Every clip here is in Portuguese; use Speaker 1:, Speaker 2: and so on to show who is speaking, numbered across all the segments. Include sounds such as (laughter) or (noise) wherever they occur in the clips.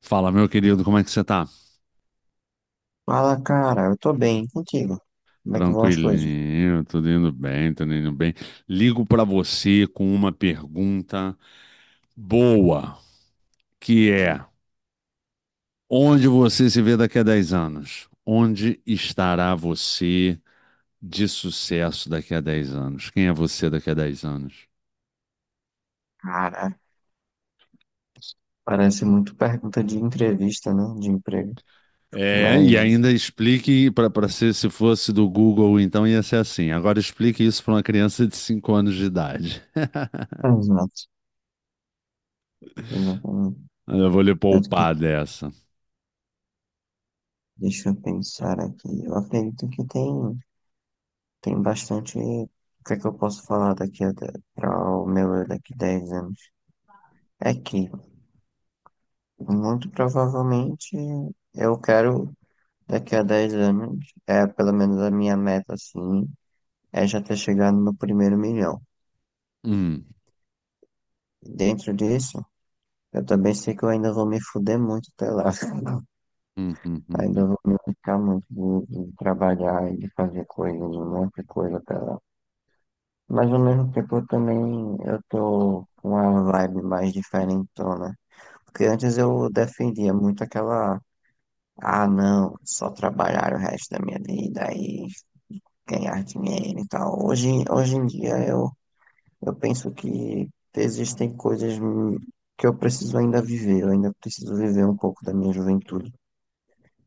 Speaker 1: Fala, meu querido, como é que você tá?
Speaker 2: Fala, cara, eu tô bem e contigo. Como é que vão as coisas?
Speaker 1: Tranquilinho, tudo indo bem, tudo indo bem. Ligo pra você com uma pergunta boa, que é: onde você se vê daqui a 10 anos? Onde estará você de sucesso daqui a 10 anos? Quem é você daqui a 10 anos?
Speaker 2: Cara, parece muito pergunta de entrevista, né? De emprego.
Speaker 1: É, e
Speaker 2: Mas.
Speaker 1: ainda explique para ser se fosse do Google, então ia ser assim. Agora explique isso para uma criança de 5 anos de idade.
Speaker 2: Ah,
Speaker 1: (laughs)
Speaker 2: exato. Eu não- eu-
Speaker 1: Eu vou lhe
Speaker 2: Tanto que,
Speaker 1: poupar dessa.
Speaker 2: deixa eu pensar aqui. Eu acredito que tem bastante. O que é que eu posso falar daqui a para o meu eu daqui a 10 anos? É que, muito provavelmente, eu quero, daqui a 10 anos, é pelo menos a minha meta, assim, é já ter chegado no primeiro milhão.
Speaker 1: Hum.
Speaker 2: Dentro disso, eu também sei que eu ainda vou me fuder muito até lá. (laughs)
Speaker 1: Hum, hum, hum,
Speaker 2: Ainda
Speaker 1: hum.
Speaker 2: vou me ficar muito de trabalhar e de fazer coisas, um monte de coisa até lá. Mas ao mesmo tempo eu tô com uma vibe mais diferentona. Porque antes eu defendia muito aquela, ah não, só trabalhar o resto da minha vida e ganhar dinheiro e tal. Hoje em eu penso que existem coisas que eu preciso ainda viver, eu ainda preciso viver um pouco da minha juventude.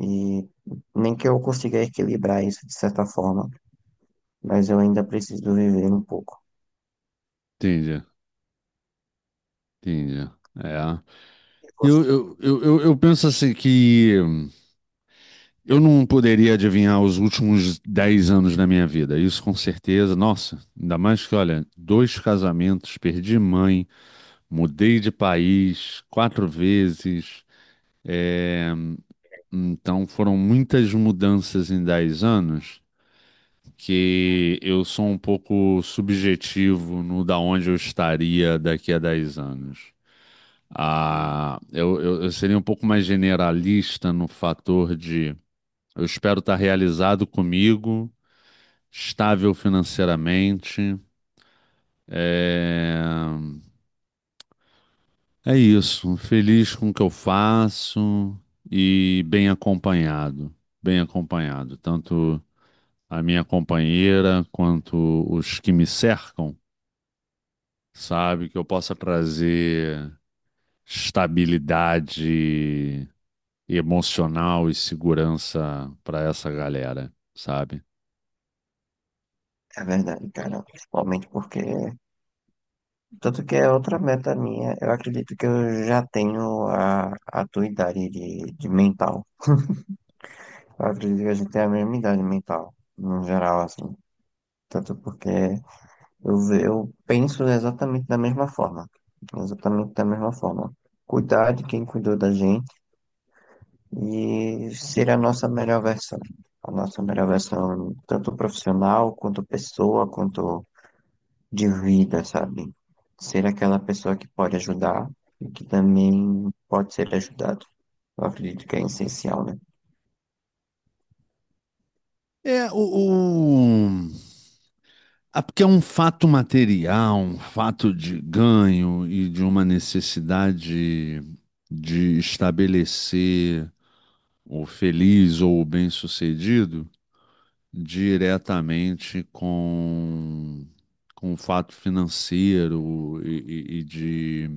Speaker 2: E nem que eu consiga equilibrar isso de certa forma, mas eu ainda preciso viver um pouco.
Speaker 1: Entendi, entendi. É.
Speaker 2: E
Speaker 1: Eu,
Speaker 2: você-
Speaker 1: eu, eu, eu eu penso assim que eu não poderia adivinhar os últimos 10 anos da minha vida. Isso com certeza. Nossa, ainda mais que, olha, dois casamentos, perdi mãe, mudei de país quatro vezes. Então foram muitas mudanças em 10 anos que eu sou um pouco subjetivo no da onde eu estaria daqui a 10 anos. Ah, eu seria um pouco mais generalista no fator de eu espero estar realizado comigo, estável financeiramente. É, é isso, feliz com o que eu faço e bem acompanhado. Bem acompanhado, tanto a minha companheira quanto os que me cercam, sabe? Que eu possa trazer estabilidade emocional e segurança para essa galera, sabe?
Speaker 2: É verdade, cara. Principalmente porque. Tanto que é outra meta minha. Eu acredito que eu já tenho a tua idade de mental. Eu acredito que a gente tem a mesma idade mental, no geral, assim. Tanto porque eu penso exatamente da mesma forma. Exatamente da mesma forma. Cuidar de quem cuidou da gente e ser a nossa melhor versão. A nossa melhor versão, tanto profissional, quanto pessoa, quanto de vida, sabe? Ser aquela pessoa que pode ajudar e que também pode ser ajudado. Eu acredito que é essencial, né?
Speaker 1: É, o, o- Ah, porque é um fato material, um fato de ganho e de uma necessidade de estabelecer o feliz ou o bem-sucedido diretamente com o fato financeiro e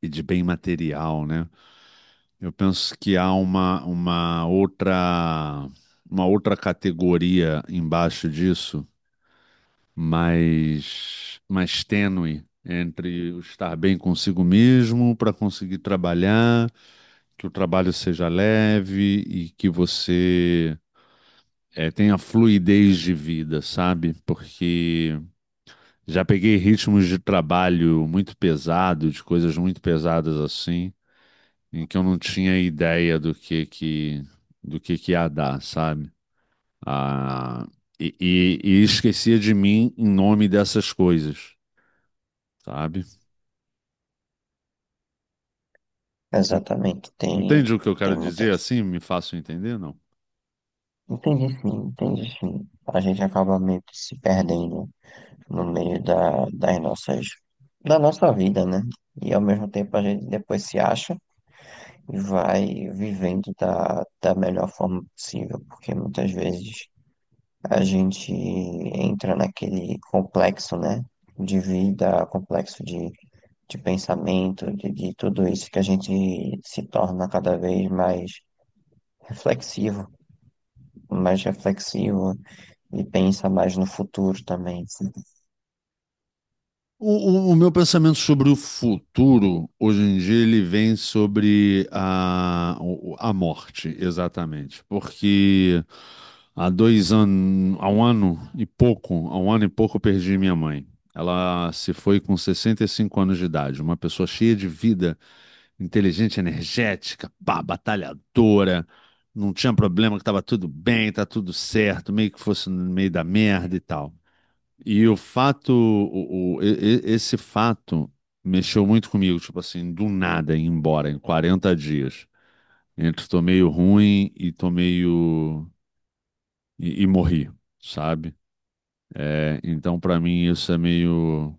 Speaker 1: e de bem material, né? Eu penso que há uma outra categoria embaixo disso, mais tênue entre o estar bem consigo mesmo para conseguir trabalhar, que o trabalho seja leve e que você tenha fluidez de vida, sabe? Porque já peguei ritmos de trabalho muito pesado, de coisas muito pesadas assim em que eu não tinha ideia do que do que ia dar, sabe? Ah, e esquecia de mim em nome dessas coisas, sabe?
Speaker 2: Exatamente,
Speaker 1: Entende
Speaker 2: tem,
Speaker 1: o que eu
Speaker 2: tem
Speaker 1: quero dizer?
Speaker 2: muitas.
Speaker 1: Assim, me faço entender, não?
Speaker 2: Entendi sim, entendi sim. A gente acaba meio que se perdendo no meio da nossa vida, né? E ao mesmo tempo a gente depois se acha e vai vivendo da melhor forma possível, porque muitas vezes a gente entra naquele complexo, né, de vida, complexo de pensamento, de tudo isso que a gente se torna cada vez mais reflexivo, mais reflexivo e pensa mais no futuro também.
Speaker 1: O meu pensamento sobre o futuro, hoje em dia, ele vem sobre a morte, exatamente. Porque há 2 anos, há um ano e pouco eu perdi minha mãe. Ela se foi com 65 anos de idade, uma pessoa cheia de vida, inteligente, energética, pá, batalhadora, não tinha problema que estava tudo bem, tá tudo certo, meio que fosse no meio da merda e tal. E o fato, esse fato mexeu muito comigo, tipo assim, do nada ir embora em 40 dias. Entre tô meio ruim e tô meio e morri, sabe? É, então, para mim, isso é meio,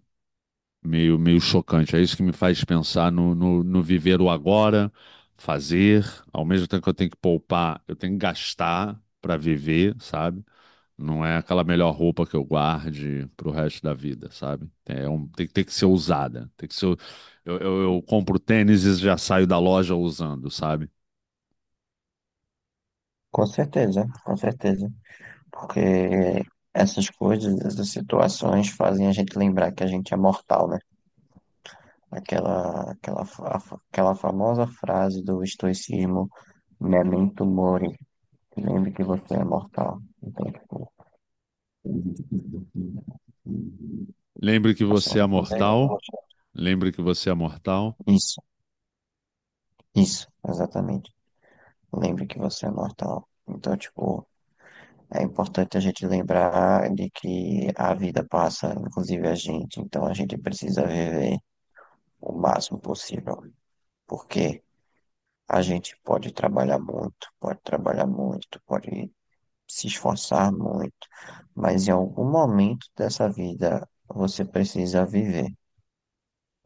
Speaker 1: meio, meio chocante. É isso que me faz pensar no viver o agora, fazer, ao mesmo tempo que eu tenho que poupar, eu tenho que gastar para viver, sabe? Não é aquela melhor roupa que eu guarde pro resto da vida, sabe? É um- tem que ser usada. Tem que ser, eu compro tênis e já saio da loja usando, sabe?
Speaker 2: Com certeza, porque essas coisas, essas situações fazem a gente lembrar que a gente é mortal, né? Aquela famosa frase do estoicismo, memento mori, lembre que você é mortal. Então, tipo,
Speaker 1: Lembre que
Speaker 2: a
Speaker 1: você
Speaker 2: sua
Speaker 1: é
Speaker 2: inclusive.
Speaker 1: mortal. Lembre que você é mortal.
Speaker 2: Isso, isso, exatamente. Lembre que você é mortal. Então, tipo, é importante a gente lembrar de que a vida passa, inclusive a gente. Então, a gente precisa viver o máximo possível. Porque a gente pode trabalhar muito, pode trabalhar muito, pode se esforçar muito, mas em algum momento dessa vida você precisa viver,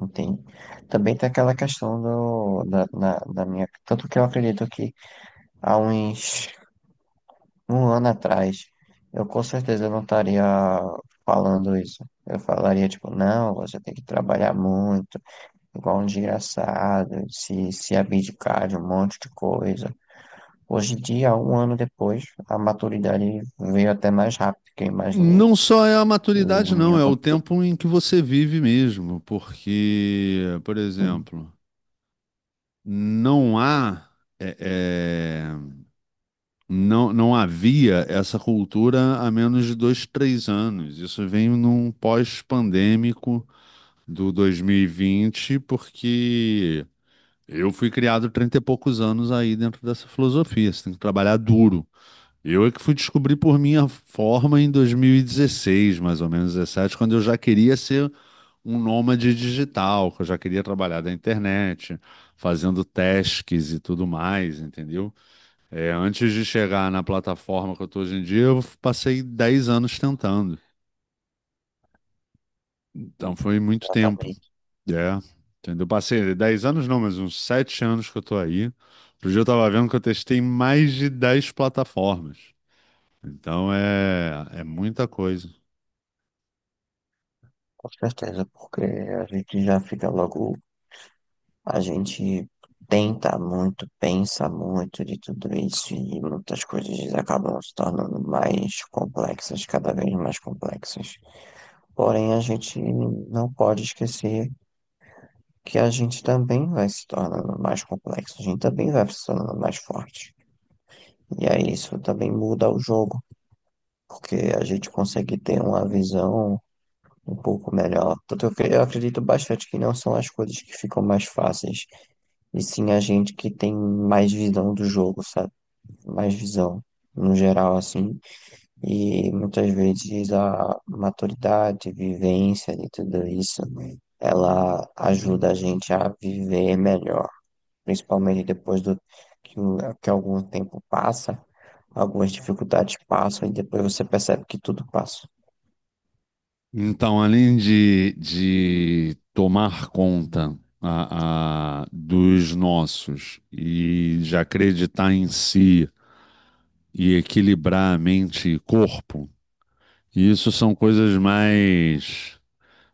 Speaker 2: entende? Também tem aquela questão da minha. Tanto que eu acredito que há uns um ano atrás eu com certeza não estaria falando isso. Eu falaria, tipo, não, você tem que trabalhar muito, igual um desgraçado, se abdicar de um monte de coisa. Hoje em dia, um ano depois, a maturidade veio até mais rápido que eu imaginei.
Speaker 1: Não só é a maturidade,
Speaker 2: E
Speaker 1: não,
Speaker 2: eu
Speaker 1: é o
Speaker 2: consigo.
Speaker 1: tempo em que você vive mesmo, porque, por
Speaker 2: Sim,
Speaker 1: exemplo, não há, é, é, não havia essa cultura há menos de 2, 3 anos. Isso vem num pós-pandêmico do 2020, porque eu fui criado 30 e poucos anos aí dentro dessa filosofia. Você tem que trabalhar duro. Eu é que fui descobrir por minha forma em 2016, mais ou menos 17, quando eu já queria ser um nômade digital, que eu já queria trabalhar da internet, fazendo tasks e tudo mais, entendeu? É, antes de chegar na plataforma que eu tô hoje em dia, eu passei 10 anos tentando. Então foi muito tempo.
Speaker 2: exatamente,
Speaker 1: É, entendeu? Passei 10 anos não, mas uns 7 anos que eu tô aí. Outro dia eu tava vendo que eu testei mais de 10 plataformas. Então é muita coisa.
Speaker 2: com certeza, porque a gente já fica logo, a gente tenta muito, pensa muito de tudo isso e muitas coisas acabam se tornando mais complexas, cada vez mais complexas. Porém, a gente não pode esquecer que a gente também vai se tornando mais complexo, a gente também vai se tornando mais forte. E aí isso também muda o jogo, porque a gente consegue ter uma visão um pouco melhor. Tanto eu, que eu acredito bastante que não são as coisas que ficam mais fáceis, e sim a gente que tem mais visão do jogo, sabe? Mais visão, no geral, assim. E muitas vezes a maturidade, vivência e tudo isso, né? Ela ajuda a gente a viver melhor, principalmente depois do que algum tempo passa. Algumas dificuldades passam e depois você percebe que tudo passa.
Speaker 1: Então, além de tomar conta dos nossos e de acreditar em si e equilibrar a mente e corpo, isso são coisas mais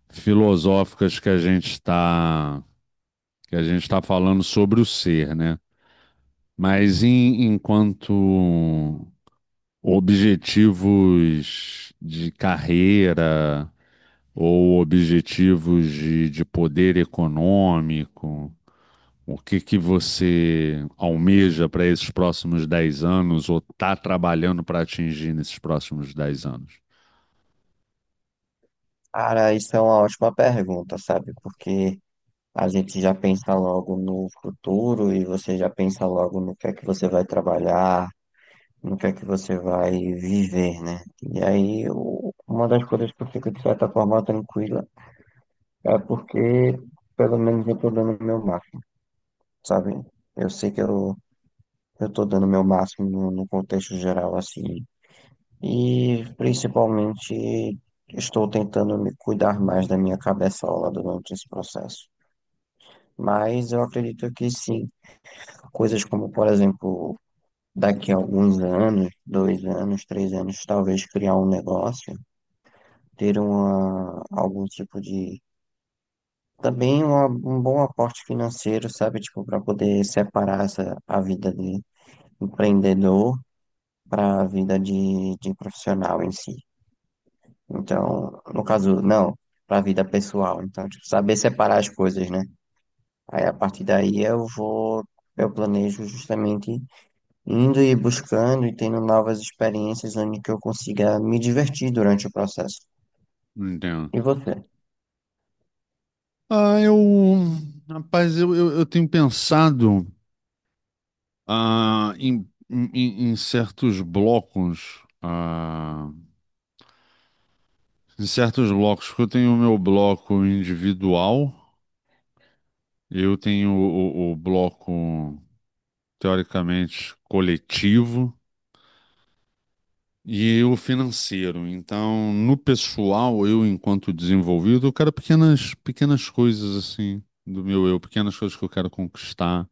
Speaker 1: filosóficas que a gente está falando sobre o ser, né? Mas em- enquanto objetivos de carreira ou objetivos de poder econômico? O que você almeja para esses próximos 10 anos ou está trabalhando para atingir nesses próximos 10 anos?
Speaker 2: Cara, isso é uma ótima pergunta, sabe? Porque a gente já pensa logo no futuro e você já pensa logo no que é que você vai trabalhar, no que é que você vai viver, né? E aí, uma das coisas que eu fico, de certa forma, tranquila é porque, pelo menos, eu tô dando o meu máximo, sabe? Eu sei que eu tô dando o meu máximo no contexto geral, assim. E, principalmente, estou tentando me cuidar mais da minha cabeçola durante esse processo. Mas eu acredito que sim. Coisas como, por exemplo, daqui a alguns anos, dois anos, três anos, talvez criar um negócio, ter algum tipo de. Também um bom aporte financeiro, sabe? Tipo, para poder separar essa, a vida de empreendedor para a vida de profissional em si. Então, no caso, não, para a vida pessoal. Então, tipo, saber separar as coisas, né? Aí, a partir daí, eu vou. Eu planejo justamente indo e buscando e tendo novas experiências onde que eu consiga me divertir durante o processo.
Speaker 1: Entendo.
Speaker 2: E você?
Speaker 1: Ah, rapaz, eu tenho pensado em, em certos blocos, em certos blocos, porque eu tenho o meu bloco individual, eu tenho o bloco teoricamente coletivo e o financeiro. Então, no pessoal, eu enquanto desenvolvido, eu quero pequenas coisas assim do meu eu, pequenas coisas que eu quero conquistar,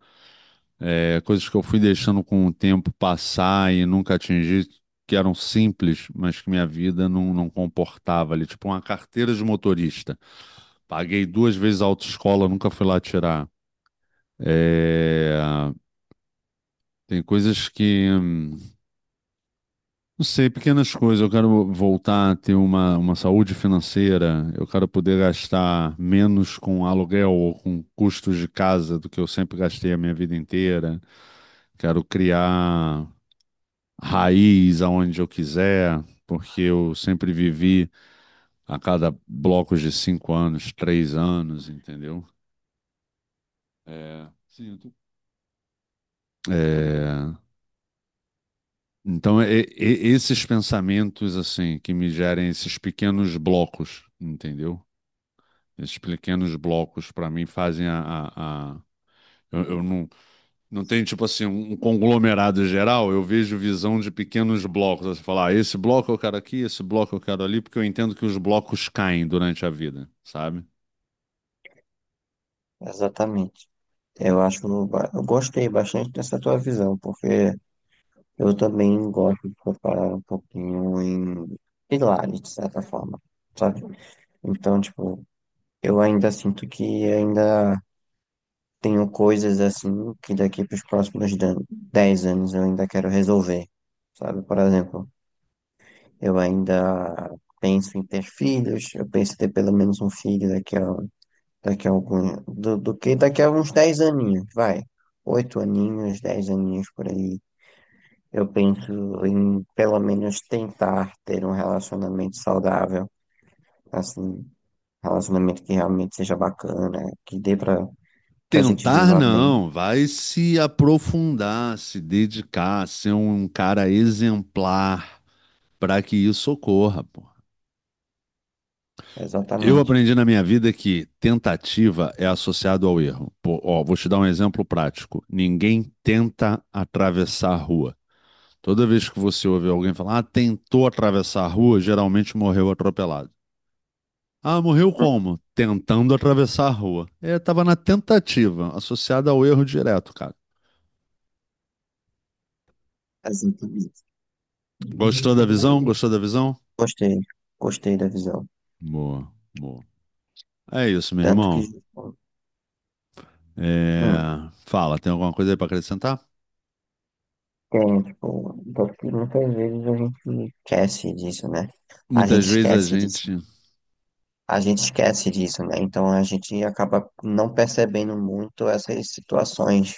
Speaker 1: é, coisas que eu fui deixando com o tempo passar e nunca atingi. Que eram simples, mas que minha vida não comportava ali. Tipo, uma carteira de motorista. Paguei duas vezes a autoescola, nunca fui lá tirar. É, tem coisas que. Não sei, pequenas coisas. Eu quero voltar a ter uma saúde financeira. Eu quero poder gastar menos com aluguel ou com custos de casa do que eu sempre gastei a minha vida inteira. Quero criar raiz aonde eu quiser, porque eu sempre vivi a cada blocos de 5 anos, 3 anos, entendeu? É, sinto. É, então, esses pensamentos, assim, que me gerem esses pequenos blocos, entendeu? Esses pequenos blocos, para mim, fazem a- eu não, não tenho, tipo assim, um conglomerado geral, eu vejo visão de pequenos blocos. Você fala, ah, esse bloco eu quero aqui, esse bloco eu quero ali, porque eu entendo que os blocos caem durante a vida, sabe?
Speaker 2: Exatamente. Eu gostei bastante dessa tua visão, porque eu também gosto de preparar um pouquinho em pilares, de certa forma, sabe? Então, tipo, eu ainda sinto que ainda tenho coisas assim que daqui para os próximos 10 anos eu ainda quero resolver, sabe? Por exemplo, eu ainda penso em ter filhos, eu penso em ter pelo menos um filho daqui a algum, do, do que daqui a uns dez aninhos, vai. Oito aninhos, 10 aninhos por aí. Eu penso em pelo menos tentar ter um relacionamento saudável, assim, relacionamento que realmente seja bacana, que dê pra que a gente
Speaker 1: Tentar
Speaker 2: viva bem.
Speaker 1: não, vai se aprofundar, se dedicar, ser um cara exemplar para que isso ocorra, pô. Eu
Speaker 2: Exatamente.
Speaker 1: aprendi na minha vida que tentativa é associado ao erro. Pô, ó, vou te dar um exemplo prático. Ninguém tenta atravessar a rua. Toda vez que você ouve alguém falar, ah, tentou atravessar a rua, geralmente morreu atropelado. Ah, morreu como? Tentando atravessar a rua. É, tava na tentativa, associada ao erro direto, cara.
Speaker 2: Exatamente.
Speaker 1: Gostou da visão? Gostou da visão?
Speaker 2: Gostei, gostei da visão.
Speaker 1: Boa, boa. É isso, meu
Speaker 2: Tanto que.
Speaker 1: irmão.
Speaker 2: hum.
Speaker 1: É, fala, tem alguma coisa aí para acrescentar?
Speaker 2: Tem, tipo, porque muitas vezes a gente esquece disso, né? A gente
Speaker 1: Muitas vezes a
Speaker 2: esquece disso.
Speaker 1: gente.
Speaker 2: A gente esquece disso, né? Então a gente acaba não percebendo muito essas situações.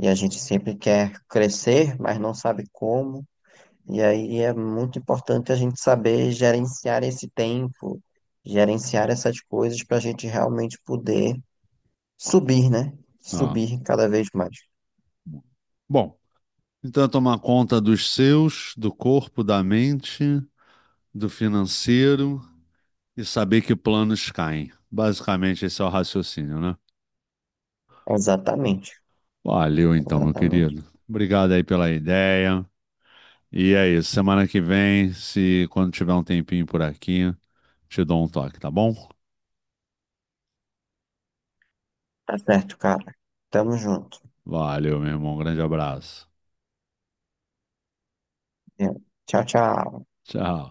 Speaker 2: E a gente sempre quer crescer, mas não sabe como. E aí é muito importante a gente saber gerenciar esse tempo, gerenciar essas coisas para a gente realmente poder subir, né?
Speaker 1: Ó,
Speaker 2: Subir cada vez mais.
Speaker 1: bom, então, é tomar conta dos seus, do corpo, da mente, do financeiro e saber que planos caem. Basicamente, esse é o raciocínio, né?
Speaker 2: Exatamente,
Speaker 1: Valeu, então, meu
Speaker 2: exatamente.
Speaker 1: querido. Obrigado aí pela ideia. E é isso. Semana que vem, se quando tiver um tempinho por aqui, te dou um toque, tá bom?
Speaker 2: Tá certo, cara. Tamo junto.
Speaker 1: Valeu, meu irmão. Um grande abraço.
Speaker 2: É. Tchau, tchau.
Speaker 1: Tchau.